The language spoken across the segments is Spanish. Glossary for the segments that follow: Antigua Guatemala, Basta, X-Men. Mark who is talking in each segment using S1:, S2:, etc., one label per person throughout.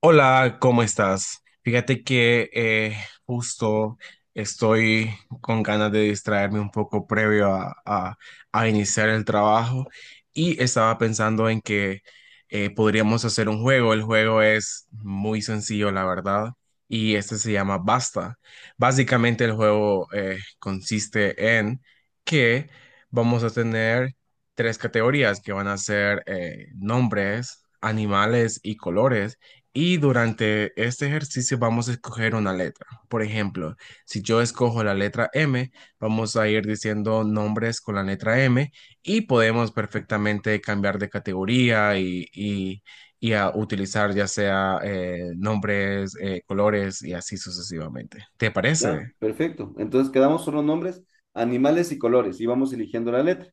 S1: Hola, ¿cómo estás? Fíjate que justo estoy con ganas de distraerme un poco previo a iniciar el trabajo y estaba pensando en que podríamos hacer un juego. El juego es muy sencillo, la verdad, y este se llama Basta. Básicamente el juego consiste en que vamos a tener tres categorías que van a ser nombres, animales y colores y durante este ejercicio vamos a escoger una letra. Por ejemplo, si yo escojo la letra M, vamos a ir diciendo nombres con la letra M y podemos perfectamente cambiar de categoría y a utilizar ya sea nombres, colores y así sucesivamente. ¿Te
S2: Ya,
S1: parece?
S2: perfecto. Entonces quedamos solo nombres, animales y colores y vamos eligiendo la letra.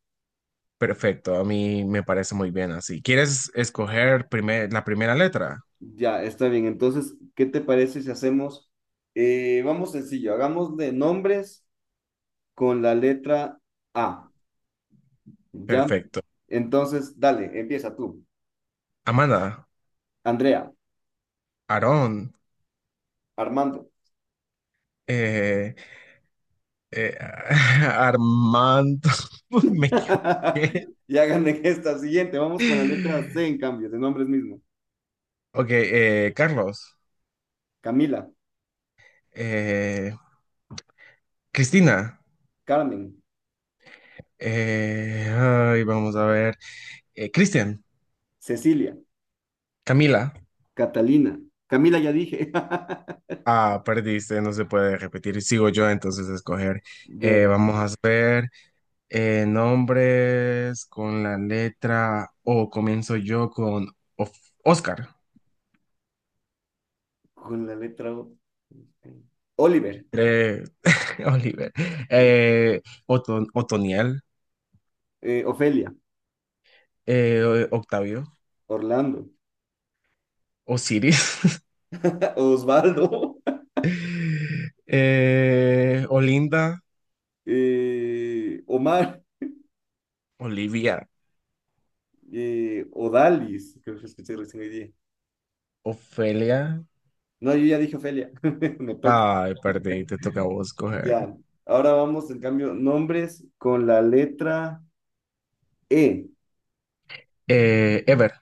S1: Perfecto, a mí me parece muy bien así. ¿Quieres escoger la primera letra?
S2: Ya, está bien. Entonces, ¿qué te parece si hacemos, vamos sencillo, hagamos de nombres con la letra A. Ya.
S1: Perfecto.
S2: Entonces, dale, empieza tú.
S1: Amanda,
S2: Andrea,
S1: Aarón,
S2: Armando.
S1: eh, Eh, Armando, me equivoqué.
S2: Y hagan en esta siguiente. Vamos con la letra C en cambio, de nombres mismos.
S1: Ok, Carlos,
S2: Camila,
S1: eh, Cristina,
S2: Carmen,
S1: ay, vamos a ver, Cristian,
S2: Cecilia,
S1: Camila,
S2: Catalina. Camila ya dije.
S1: ah, perdiste, no se puede repetir, sigo yo entonces a escoger.
S2: Dale,
S1: Vamos a ver nombres con la letra O, comienzo yo con Of- Oscar,
S2: con la letra O. Este, Oliver,
S1: eh, Oliver, eh, Otoniel.
S2: Ofelia,
S1: Octavio,
S2: Orlando,
S1: Osiris,
S2: Osvaldo,
S1: Olinda,
S2: Omar,
S1: Olivia,
S2: Odalis, creo que escuché recién hoy día.
S1: Ofelia.
S2: No, yo ya dije Ofelia, me toca.
S1: Ay, perdí, te toca a vos coger.
S2: Ya. Ahora vamos, en cambio, nombres con la letra E.
S1: Ever,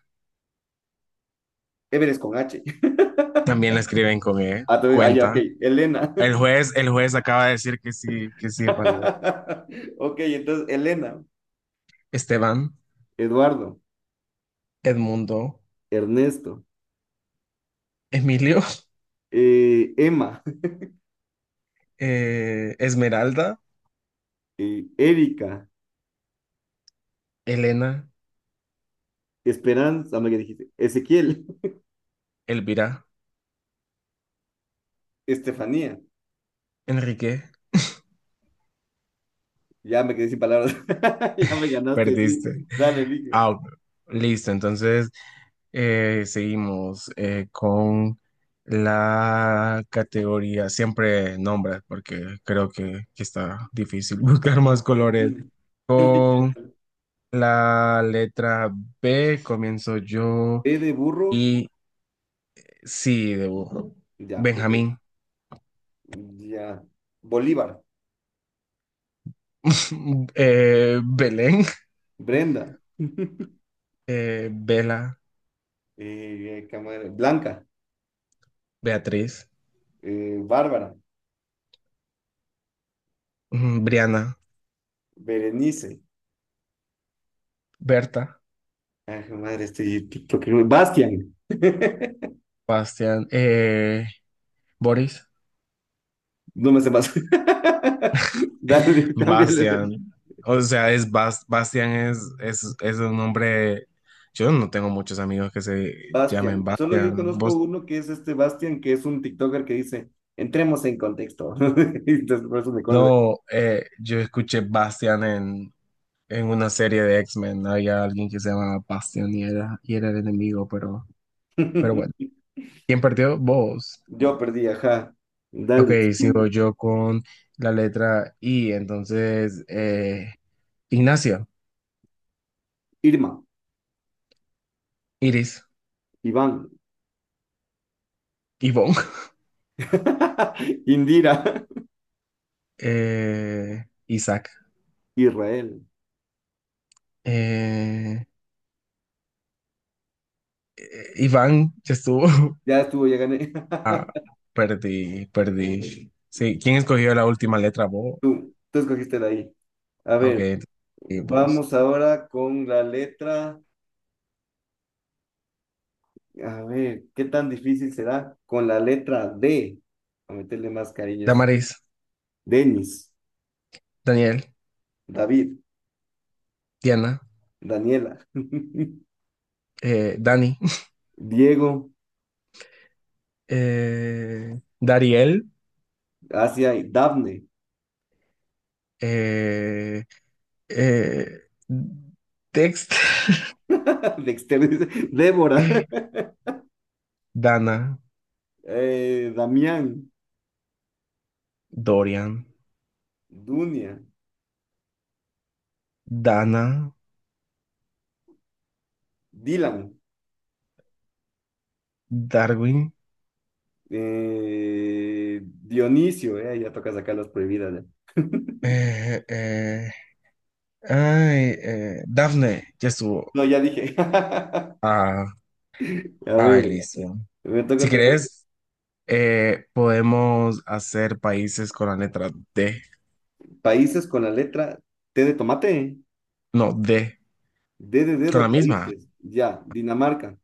S2: Everest con H.
S1: también la escriben con E,
S2: Ah, ah, ya, ok.
S1: cuenta.
S2: Elena.
S1: El juez acaba de decir que sí es válido.
S2: Ok, entonces, Elena,
S1: Esteban,
S2: Eduardo,
S1: Edmundo,
S2: Ernesto,
S1: Emilio,
S2: Emma,
S1: Esmeralda,
S2: Erika,
S1: Elena,
S2: Esperanza, me dijiste, Ezequiel,
S1: Elvira,
S2: Estefanía.
S1: Enrique,
S2: Ya me quedé sin palabras. Ya me ganaste, sí.
S1: perdiste.
S2: Dale, elige.
S1: Ah, ok, listo, entonces, seguimos con la categoría, siempre nombres, porque creo que está difícil buscar más colores. Con
S2: Literal.
S1: la letra B comienzo yo
S2: E de burro.
S1: y sí, debo.
S2: Ya, perfecto.
S1: Benjamín,
S2: Ya. Bolívar.
S1: Belén,
S2: Brenda.
S1: Bela,
S2: Qué madre, Blanca.
S1: Beatriz,
S2: Bárbara.
S1: Briana,
S2: Berenice.
S1: Berta,
S2: Ay, qué madre, este TikTok. Bastian.
S1: Bastián, Boris.
S2: No me sé más. Dale, cámbiale de
S1: Bastian. O sea, es Bastian es un nombre. Yo no tengo muchos amigos que se llamen
S2: Bastian. Solo yo
S1: Bastian.
S2: conozco
S1: Vos-
S2: uno que es este Bastian, que es un TikToker que dice, entremos en contexto. Entonces, por eso me acuerdo
S1: no, yo escuché Bastian en una serie de X-Men. Había alguien que se llamaba Bastian y era el enemigo, pero bueno.
S2: de-
S1: ¿Quién perdió? Vos.
S2: Yo perdí, ajá.
S1: Ok,
S2: Dale, siguiente.
S1: sigo yo con la letra I. Entonces, Ignacio,
S2: Irma,
S1: Iris,
S2: Iván,
S1: Ivonne,
S2: Indira,
S1: Isaac.
S2: Israel.
S1: Eh, Iván ya estuvo.
S2: Ya estuvo, ya gané.
S1: Ah, perdí, perdí. Sí, ¿quién escogió la última letra? Vos.
S2: Tú escogiste de ahí. A
S1: Ah, ok,
S2: ver,
S1: y vos.
S2: vamos ahora con la letra. A ver, ¿qué tan difícil será? Con la letra D. A meterle más cariño a esas.
S1: Damaris,
S2: Denis,
S1: Daniel,
S2: David,
S1: Diana,
S2: Daniela.
S1: Dani,
S2: Diego,
S1: Dariel,
S2: Asia, y Dafne,
S1: eh, eh, Dexter,
S2: Dexter, dice, Débora,
S1: Dana,
S2: Damián,
S1: Dorian,
S2: Dunia,
S1: Dana,
S2: Dylan,
S1: Darwin,
S2: Dionisio, ya toca sacar las prohibidas. Ya.
S1: eh, eh, ay, Daphne, ya estuvo.
S2: No, ya dije.
S1: Ah,
S2: A
S1: ay,
S2: ver,
S1: listo.
S2: me toca
S1: Si
S2: otra vez.
S1: querés. Podemos hacer países con la letra D,
S2: Países con la letra T de tomate,
S1: no, D,
S2: D de
S1: con la
S2: dedo,
S1: misma,
S2: países, ya, Dinamarca.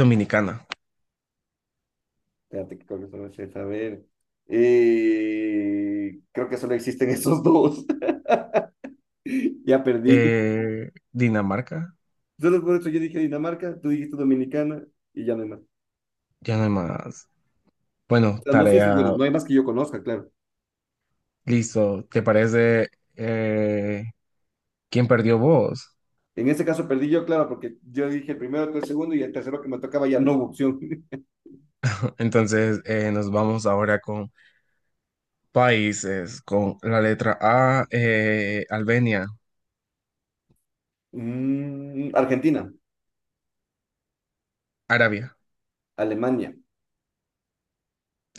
S1: Dominicana.
S2: Espérate, que creo que solo es esa, a ver. Creo que solo existen esos dos. Ya perdí.
S1: Dinamarca,
S2: Entonces, por eso yo dije Dinamarca, tú dijiste Dominicana y ya no hay más. O
S1: ya no hay más. Bueno,
S2: sea, no sé si,
S1: tarea,
S2: bueno, no hay más que yo conozca, claro.
S1: listo. ¿Te parece? eh, ¿Quién perdió? ¿Vos?
S2: En ese caso perdí yo, claro, porque yo dije el primero, tú el segundo y el tercero que me tocaba ya no hubo opción.
S1: Entonces nos vamos ahora con países, con la letra A, Albania,
S2: Mm, Argentina,
S1: Arabia,
S2: Alemania,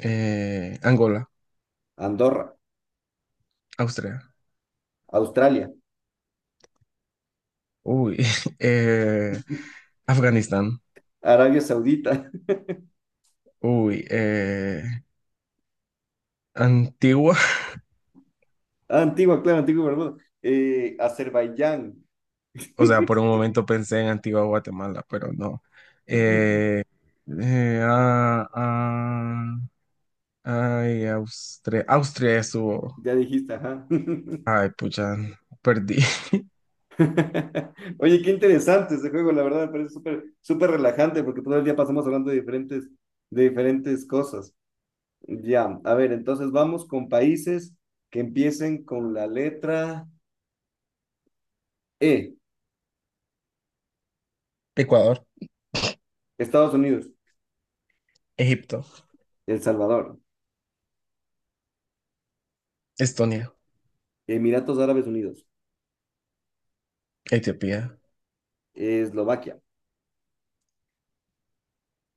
S1: Angola,
S2: Andorra,
S1: Austria,
S2: Australia,
S1: uy, eh, Afganistán,
S2: Arabia Saudita,
S1: uy, Antigua,
S2: Ah, Antigua, claro, Antigua y Barbuda. Azerbaiyán,
S1: o sea, por un momento pensé en Antigua Guatemala, pero no. Eh, ah, ah, ay, Austria, Austria estuvo.
S2: ya dijiste, ajá.
S1: Ay, pucha, perdí.
S2: Oye, qué interesante ese juego, la verdad, me parece súper, súper relajante porque todo el día pasamos hablando de de diferentes cosas. Ya, a ver, entonces vamos con países que empiecen con la letra E.
S1: Ecuador,
S2: Estados Unidos,
S1: Egipto,
S2: El Salvador,
S1: Estonia,
S2: Emiratos Árabes Unidos,
S1: Etiopía.
S2: Eslovaquia,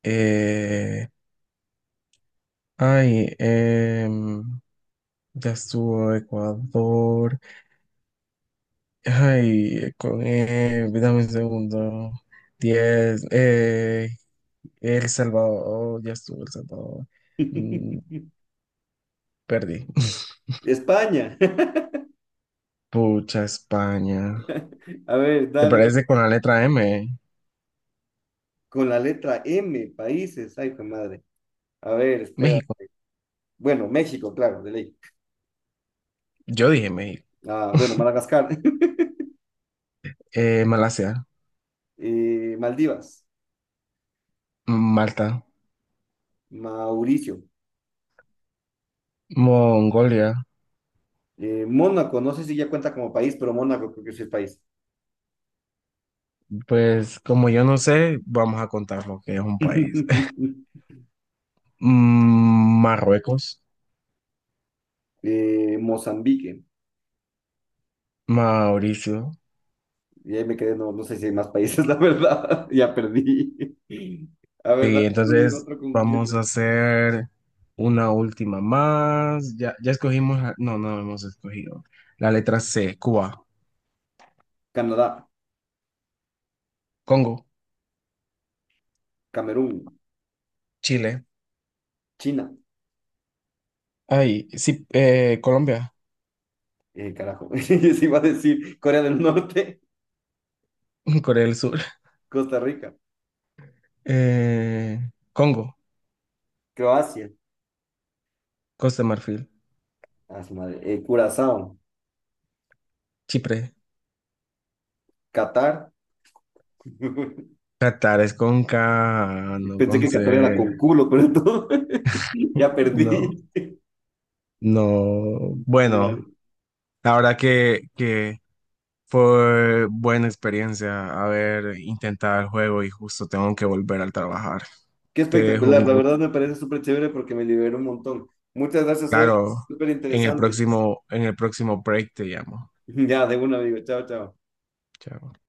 S1: Eh, ay, ya estuvo Ecuador. Ay, dame un segundo. 10. El Salvador, ya estuvo El Salvador. Mm, perdí.
S2: España.
S1: Pucha, España.
S2: A ver,
S1: ¿Te
S2: dale,
S1: parece con la letra M?
S2: con la letra M, países. Ay, qué madre. A ver, espera.
S1: México.
S2: Bueno, México, claro, de ley.
S1: Yo dije México.
S2: Ah, bueno, Madagascar,
S1: Malasia,
S2: Maldivas,
S1: Malta,
S2: Mauricio,
S1: Mongolia.
S2: Mónaco, no sé si ya cuenta como país, pero Mónaco creo que sí es país.
S1: Pues como yo no sé, vamos a contar lo que es un país. Marruecos,
S2: Mozambique.
S1: Mauricio.
S2: Y ahí me quedé, no sé si hay más países, la verdad. Ya perdí. A ver, dale,
S1: Sí,
S2: tú dime
S1: entonces
S2: otro con
S1: vamos a
S2: letras.
S1: hacer una última más. Ya, ya escogimos, no, no hemos escogido. La letra C, Cuba.
S2: Canadá,
S1: Congo,
S2: Camerún,
S1: Chile.
S2: China.
S1: Ay, sí, Colombia,
S2: Carajo. Se iba a decir Corea del Norte,
S1: Corea del Sur,
S2: Costa Rica,
S1: eh, Congo,
S2: Croacia,
S1: Costa de Marfil,
S2: a su madre, Curazao,
S1: Chipre.
S2: Qatar.
S1: Qatar es con K, no
S2: Pensé
S1: con
S2: que
S1: C.
S2: Qatar era con culo, pero todo. Ya perdí.
S1: No, no. Bueno,
S2: Dale.
S1: la verdad que fue buena experiencia haber intentado el juego y justo tengo que volver al trabajar.
S2: Qué
S1: Te dejo un
S2: espectacular, la
S1: gusto.
S2: verdad me parece súper chévere porque me liberó un montón. Muchas gracias, Eve.
S1: Claro,
S2: Súper
S1: en el
S2: interesante.
S1: próximo, en el próximo break te llamo.
S2: Ya, de una, amigo. Chao, chao.
S1: Chao.